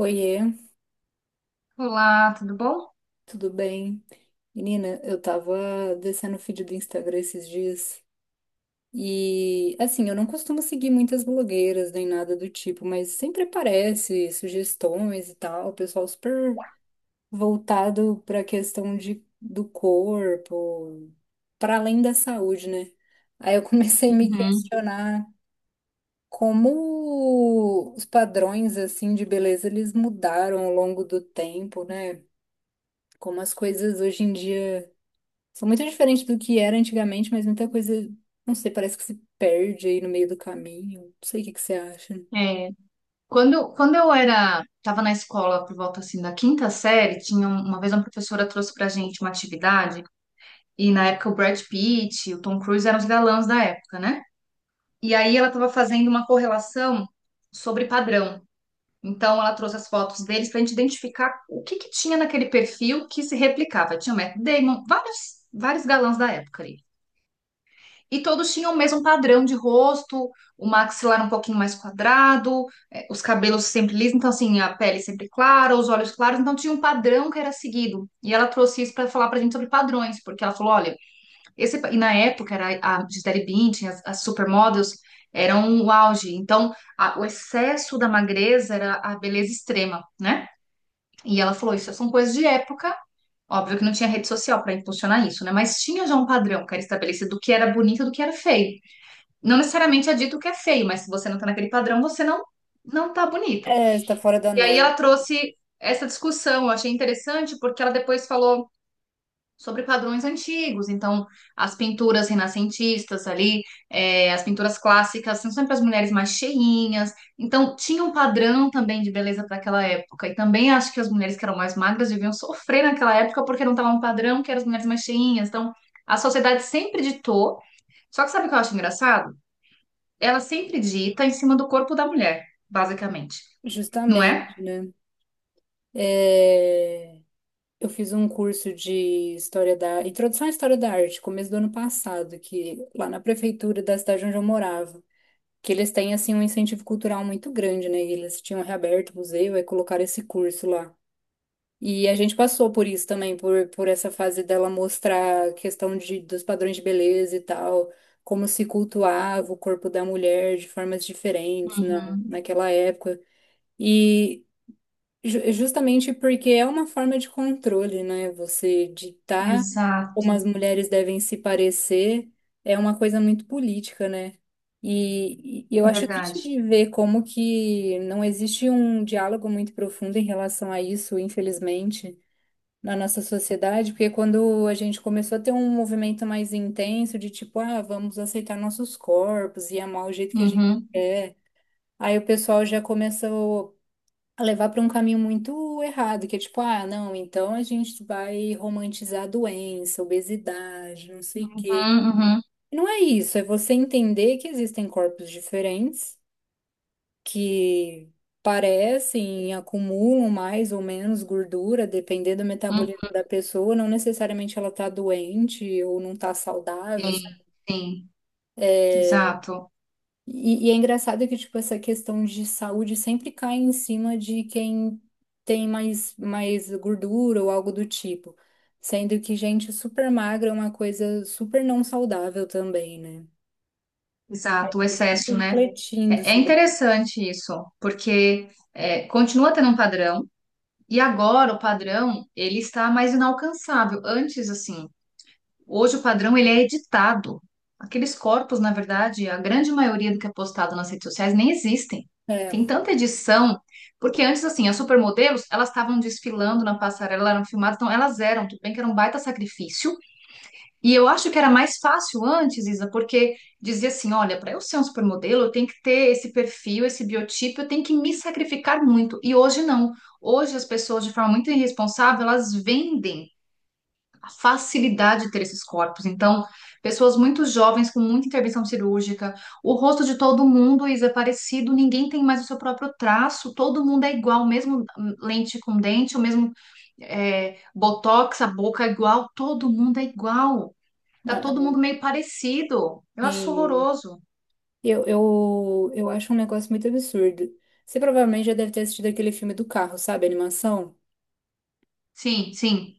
Oiê, Olá, tudo bom? tudo bem? Menina, eu tava descendo o feed do Instagram esses dias e, assim, eu não costumo seguir muitas blogueiras nem nada do tipo, mas sempre aparece sugestões e tal, o pessoal super voltado pra questão do corpo, pra além da saúde, né? Aí eu comecei a me Uhum. questionar como os padrões, assim, de beleza eles mudaram ao longo do tempo, né? Como as coisas hoje em dia são muito diferentes do que era antigamente, mas muita coisa, não sei, parece que se perde aí no meio do caminho. Não sei o que que você acha. É, quando eu era, estava na escola por volta assim da quinta série, tinha uma vez uma professora trouxe pra gente uma atividade e na época o Brad Pitt, o Tom Cruise eram os galãs da época, né? E aí ela estava fazendo uma correlação sobre padrão. Então ela trouxe as fotos deles pra gente identificar o que que tinha naquele perfil que se replicava. Tinha o Matt Damon, vários, vários galãs da época ali. E todos tinham o mesmo padrão de rosto, o maxilar um pouquinho mais quadrado, os cabelos sempre lisos, então assim, a pele sempre clara, os olhos claros, então tinha um padrão que era seguido. E ela trouxe isso para falar pra gente sobre padrões, porque ela falou, olha, e na época era a Gisele Bündchen, as supermodels eram o auge. Então, o excesso da magreza era a beleza extrema, né? E ela falou, isso são coisas de época. Óbvio que não tinha rede social para impulsionar isso, né? Mas tinha já um padrão que era estabelecido do que era bonito e do que era feio. Não necessariamente é dito que é feio, mas se você não tá naquele padrão, você não tá bonito. É, está fora da E aí norma. ela trouxe essa discussão, eu achei interessante porque ela depois falou sobre padrões antigos, então as pinturas renascentistas ali, as pinturas clássicas, são sempre as mulheres mais cheinhas, então tinha um padrão também de beleza para aquela época, e também acho que as mulheres que eram mais magras deviam sofrer naquela época porque não estava um padrão que eram as mulheres mais cheinhas, então a sociedade sempre ditou, só que sabe o que eu acho engraçado? Ela sempre dita em cima do corpo da mulher, basicamente, não Justamente, é? né? É, eu fiz um curso de história da introdução à história da arte, começo do ano passado, que lá na prefeitura da cidade onde eu morava, que eles têm assim um incentivo cultural muito grande, né? E eles tinham reaberto o museu e colocaram esse curso lá. E a gente passou por isso também, por essa fase dela mostrar a questão dos padrões de beleza e tal, como se cultuava o corpo da mulher de formas diferentes Uhum. naquela época. E justamente porque é uma forma de controle, né? Você ditar como as Exato, mulheres devem se parecer é uma coisa muito política, né? E eu acho triste verdade. de ver como que não existe um diálogo muito profundo em relação a isso, infelizmente na nossa sociedade, porque quando a gente começou a ter um movimento mais intenso de tipo, ah, vamos aceitar nossos corpos e amar o jeito que a gente Uhum. quer, aí o pessoal já começou a levar para um caminho muito errado, que é tipo, ah, não, então a gente vai romantizar a doença, obesidade, não sei o Uhum, quê. uhum, Não é isso, é você entender que existem corpos diferentes que parecem, acumulam mais ou menos gordura, dependendo do uhum. metabolismo da pessoa, não necessariamente ela tá doente ou não tá saudável. Sim, sim, exato, E é engraçado que, tipo, essa questão de saúde sempre cai em cima de quem tem mais gordura ou algo do tipo. Sendo que gente super magra é uma coisa super não saudável também, né? exato, o Eu fico excesso, né? refletindo É, é sobre isso. interessante isso, porque continua tendo um padrão, e agora o padrão ele está mais inalcançável. Hoje o padrão ele é editado. Aqueles corpos, na verdade, a grande maioria do que é postado nas redes sociais nem existem. É, Tem tanta edição, porque antes, assim, as supermodelos, elas estavam desfilando na passarela, elas eram filmadas, então elas eram, tudo bem que era um baita sacrifício. E eu acho que era mais fácil antes, Isa, porque dizia assim, olha, para eu ser um supermodelo, eu tenho que ter esse perfil, esse biotipo, eu tenho que me sacrificar muito. E hoje não. Hoje as pessoas, de forma muito irresponsável, elas vendem a facilidade de ter esses corpos. Então, pessoas muito jovens com muita intervenção cirúrgica, o rosto de todo mundo é parecido, ninguém tem mais o seu próprio traço, todo mundo é igual, mesmo lente com dente, o mesmo botox, a boca é igual, todo mundo é igual. Tá todo ah, mundo meio parecido. Eu acho sim. horroroso. Eu acho um negócio muito absurdo. Você provavelmente já deve ter assistido aquele filme do carro, sabe? A animação. Sim, sim.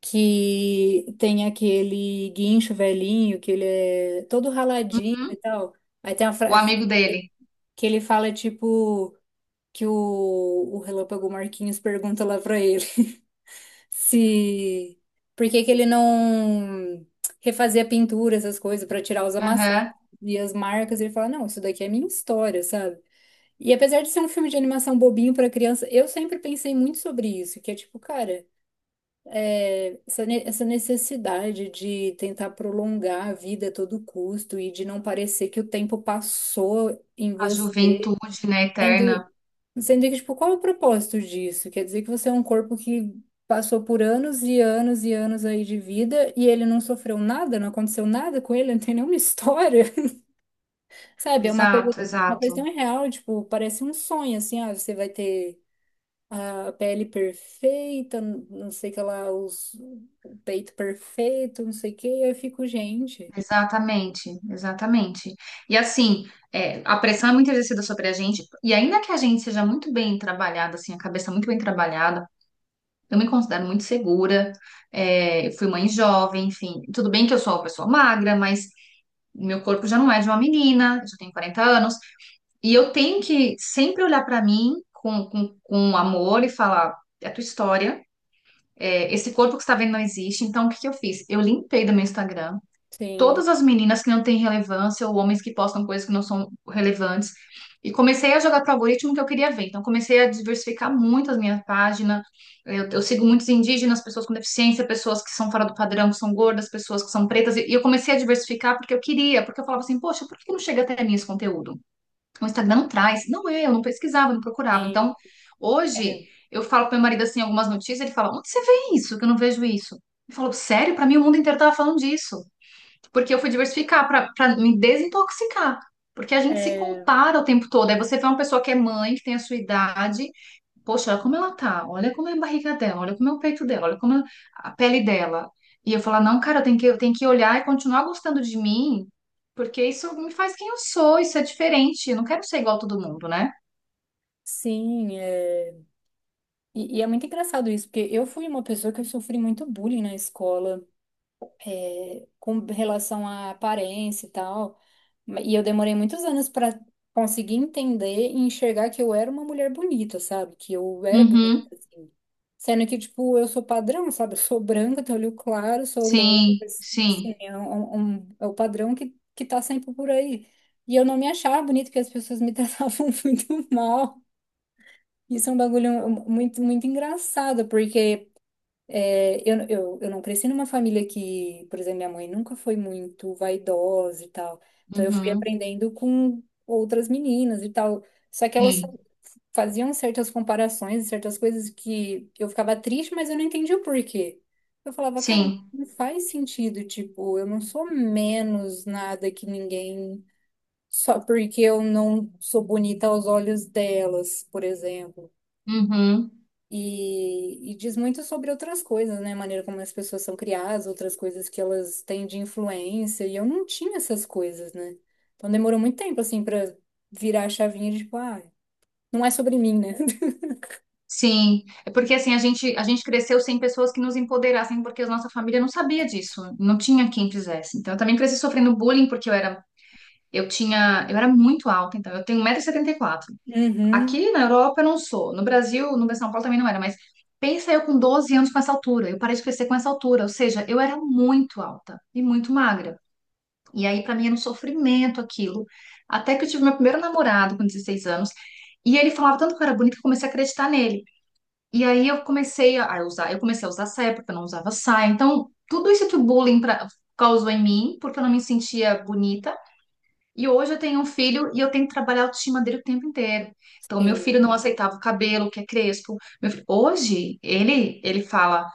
Que tem aquele guincho velhinho, que ele é todo raladinho e Uhum. tal. Aí tem a O frase amigo dele. que ele fala, tipo, que o Relâmpago Marquinhos pergunta lá pra ele se... Por que que ele não refazia a pintura, essas coisas, pra tirar os amassados Aham. e as marcas. Ele fala, não, isso daqui é minha história, sabe? E apesar de ser um filme de animação bobinho pra criança, eu sempre pensei muito sobre isso, que é tipo, cara, é, essa, essa necessidade de tentar prolongar a vida a todo custo e de não parecer que o tempo passou em A você, juventude, né, sendo, eterna. sendo que, tipo, qual é o propósito disso? Quer dizer que você é um corpo que passou por anos e anos e anos aí de vida e ele não sofreu nada, não aconteceu nada com ele, não tem nenhuma história, sabe? É Exato, uma coisa exato. tão irreal, tipo, parece um sonho, assim, ah, você vai ter a pele perfeita, não sei o que lá, os, o peito perfeito, não sei o que, e aí eu fico, gente, Exatamente, exatamente. E assim, é, a pressão é muito exercida sobre a gente, e ainda que a gente seja muito bem trabalhada, assim, a cabeça muito bem trabalhada, eu me considero muito segura, é, eu fui mãe jovem, enfim, tudo bem que eu sou uma pessoa magra, mas meu corpo já não é de uma menina, eu já tenho 40 anos, e eu tenho que sempre olhar pra mim com amor e falar, é a tua história, é, esse corpo que você está vendo não existe, então o que que eu fiz? Eu limpei do meu Instagram, sim, todas as meninas que não têm relevância ou homens que postam coisas que não são relevantes. E comecei a jogar para o algoritmo que eu queria ver. Então, comecei a diversificar muito as minhas páginas. Eu sigo muitos indígenas, pessoas com deficiência, pessoas que são fora do padrão, que são gordas, pessoas que são pretas. E eu comecei a diversificar porque eu queria, porque eu falava assim, poxa, por que não chega até mim esse conteúdo? O Instagram não traz. Não é, eu, não pesquisava, não procurava. e- Então, hoje, eu falo para meu marido assim algumas notícias, ele fala, onde você vê isso? Que eu não vejo isso. Ele falou, sério? Para mim, o mundo inteiro estava falando disso. Porque eu fui diversificar pra me desintoxicar. Porque a é, gente se é, compara o tempo todo. Aí você vê uma pessoa que é mãe, que tem a sua idade. Poxa, olha como ela tá. Olha como é a barriga dela. Olha como é o peito dela. Olha como é a pele dela. E eu falo não, cara, eu tenho que olhar e continuar gostando de mim. Porque isso me faz quem eu sou. Isso é diferente. Eu não quero ser igual a todo mundo, né? sim, é. E é muito engraçado isso, porque eu fui uma pessoa que eu sofri muito bullying na escola. Com relação à aparência e tal. E eu demorei muitos anos pra conseguir entender e enxergar que eu era uma mulher bonita, sabe? Que eu era bonita, Uhum. assim. Sendo que, tipo, eu sou padrão, sabe? Eu sou branca, tenho olho claro, sou loura, Sim, mas, assim, sim. é, um, é o padrão que tá sempre por aí. E eu não me achava bonita porque as pessoas me tratavam muito mal. Isso é um bagulho muito, muito engraçado, porque é, eu não cresci numa família que, por exemplo, minha mãe nunca foi muito vaidosa e tal. Então eu fui Uhum. aprendendo com outras meninas e tal. Só que elas Sim, faziam certas comparações, certas coisas que eu ficava triste, mas eu não entendia o porquê. Eu falava, cara, sim. não faz sentido, tipo, eu não sou menos nada que ninguém só porque eu não sou bonita aos olhos delas, por exemplo. Uhum. E diz muito sobre outras coisas, né? A maneira como as pessoas são criadas, outras coisas que elas têm de influência. E eu não tinha essas coisas, né? Então demorou muito tempo, assim, pra virar a chavinha de tipo, ah, não é sobre mim, né? Sim, é porque assim a gente cresceu sem pessoas que nos empoderassem, porque a nossa família não sabia disso, não tinha quem fizesse. Então eu também cresci sofrendo bullying porque eu era eu tinha eu era muito alta, então eu tenho 1,74 m. Uhum, Aqui na Europa eu não sou, no Brasil, no São Paulo também não era, mas pensa eu com 12 anos com essa altura, eu parei de crescer com essa altura, ou seja, eu era muito alta e muito magra. E aí pra mim era um sofrimento aquilo, até que eu tive meu primeiro namorado com 16 anos, e ele falava tanto que eu era bonita que eu comecei a acreditar nele. E aí eu comecei a usar saia porque eu não usava saia. Então, tudo isso que o causou em mim, porque eu não me sentia bonita. E hoje eu tenho um filho e eu tenho que trabalhar a autoestima dele o tempo inteiro. Então, meu filho sim, não aceitava o cabelo, que é crespo. Hoje, ele fala,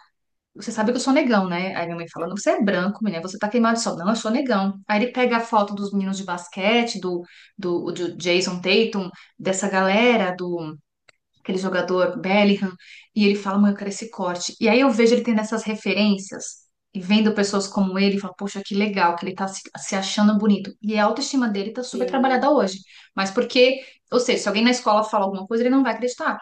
você sabe que eu sou negão, né? Aí minha mãe fala, não, você é branco, menina, você tá queimado de sol. Não, eu sou negão. Aí ele pega a foto dos meninos de basquete, do Jason Tatum, dessa galera, do aquele jogador Bellingham, e ele fala, mãe, eu quero esse corte. E aí eu vejo ele tendo essas referências e vendo pessoas como ele, e falo, poxa, que legal, que ele tá se achando bonito. E a autoestima dele tá super sim. trabalhada hoje. Mas porque, ou seja, se alguém na escola fala alguma coisa, ele não vai acreditar.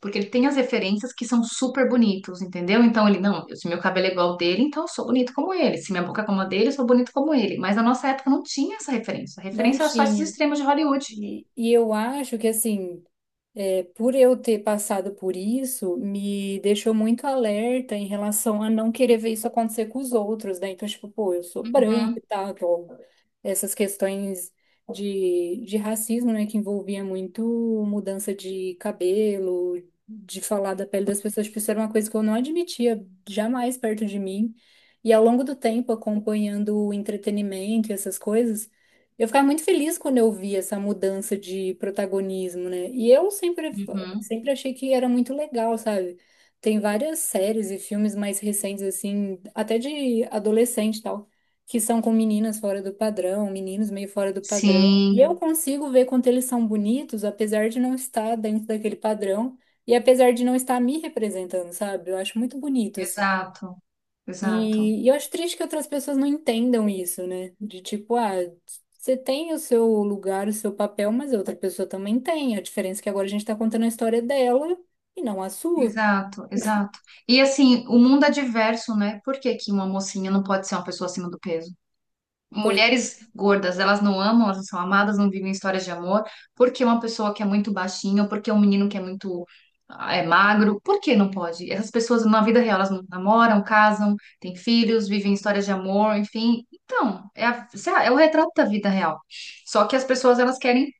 Porque ele tem as referências que são super bonitos, entendeu? Então ele, não, se meu cabelo é igual ao dele, então eu sou bonito como ele. Se minha boca é como a dele, eu sou bonito como ele. Mas na nossa época não tinha essa referência. A Não referência era só esses tinha. extremos de Hollywood. E eu acho que, assim. É, por eu ter passado por isso, me deixou muito alerta em relação a não querer ver isso acontecer com os outros, né? Então, tipo, pô, eu sou branca e Uhum, tal, então, essas questões de racismo, né, que envolvia muito mudança de cabelo, de falar da pele das pessoas, tipo, isso era uma coisa que eu não admitia jamais perto de mim. E ao longo do tempo, acompanhando o entretenimento e essas coisas, eu ficava muito feliz quando eu vi essa mudança de protagonismo, né? E eu sempre, uhum. sempre achei que era muito legal, sabe? Tem várias séries e filmes mais recentes, assim, até de adolescente e tal, que são com meninas fora do padrão, meninos meio fora do padrão. E eu Sim, consigo ver quanto eles são bonitos, apesar de não estar dentro daquele padrão e apesar de não estar me representando, sabe? Eu acho muito bonito, exato. Exato, e eu acho triste que outras pessoas não entendam isso, né? De tipo, ah, você tem o seu lugar, o seu papel, mas a outra pessoa também tem. A diferença é que agora a gente tá contando a história dela e não a sua. exato, exato. E assim, o mundo é diverso, né? Por que que uma mocinha não pode ser uma pessoa acima do peso? Pois Mulheres gordas, elas não amam, elas não são amadas, não vivem histórias de amor. Por que uma pessoa que é muito baixinha, ou por que um menino que é muito magro, por que não pode? Essas pessoas na vida real, elas não namoram, casam, têm filhos, vivem histórias de amor, enfim. Então, é o retrato da vida real. Só que as pessoas, elas querem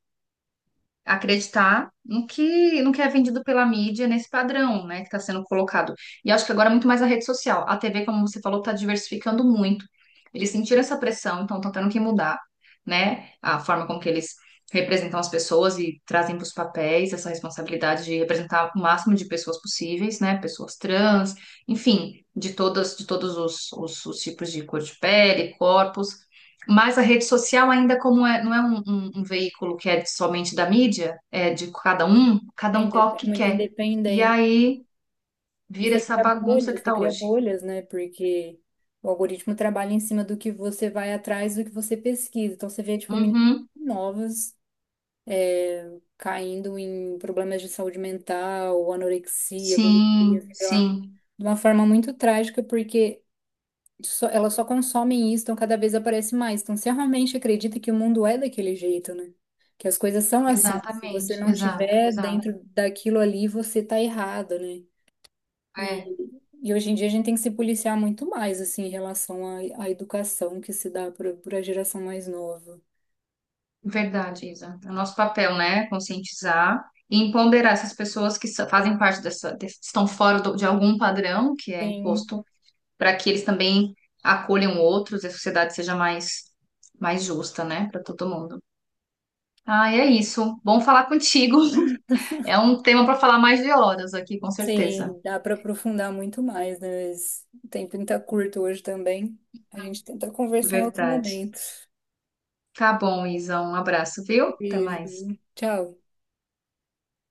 acreditar no que, no que é vendido pela mídia nesse padrão, né, que está sendo colocado. E acho que agora é muito mais a rede social. A TV, como você falou, está diversificando muito. Eles sentiram essa pressão, então estão tendo que mudar, né, a forma como que eles representam as pessoas e trazem para os papéis essa responsabilidade de representar o máximo de pessoas possíveis, né, pessoas trans, enfim, de todas, de todos os tipos de cor de pele, corpos. Mas a rede social ainda como é, não é um veículo que é somente da mídia, é de é, cada um coloca o é que muito quer. E independente. aí E vira essa bagunça que você está cria hoje. bolhas, né? Porque o algoritmo trabalha em cima do que você vai atrás, do que você pesquisa. Então você vê, tipo, meninas Uhum. novas. Caindo em problemas de saúde mental, anorexia, bulimia, Sim, sei lá, sim, de uma forma muito trágica, porque só, elas só consomem isso, então cada vez aparece mais. Então, você realmente acredita que o mundo é daquele jeito, né? Que as coisas são assim. Se você exatamente, não exato, tiver exato. dentro daquilo ali, você tá errado, né? E, É e hoje em dia a gente tem que se policiar muito mais, assim, em relação à, à educação que se dá para a geração mais nova. verdade, Isa. É o nosso papel, né? Conscientizar e empoderar essas pessoas fazem parte dessa, estão fora de algum padrão que é Tem. imposto para que eles também acolham outros e a sociedade seja mais, mais justa, né, para todo mundo. Ah, é isso. Bom falar contigo. É um tema para falar mais de horas aqui, com certeza. Sim, dá para aprofundar muito mais, né? Mas o tempo está curto hoje também. A gente tenta conversar em outro Verdade. momento. Tá bom, Isa. Um abraço, viu? Até Beijo. mais. Tchau.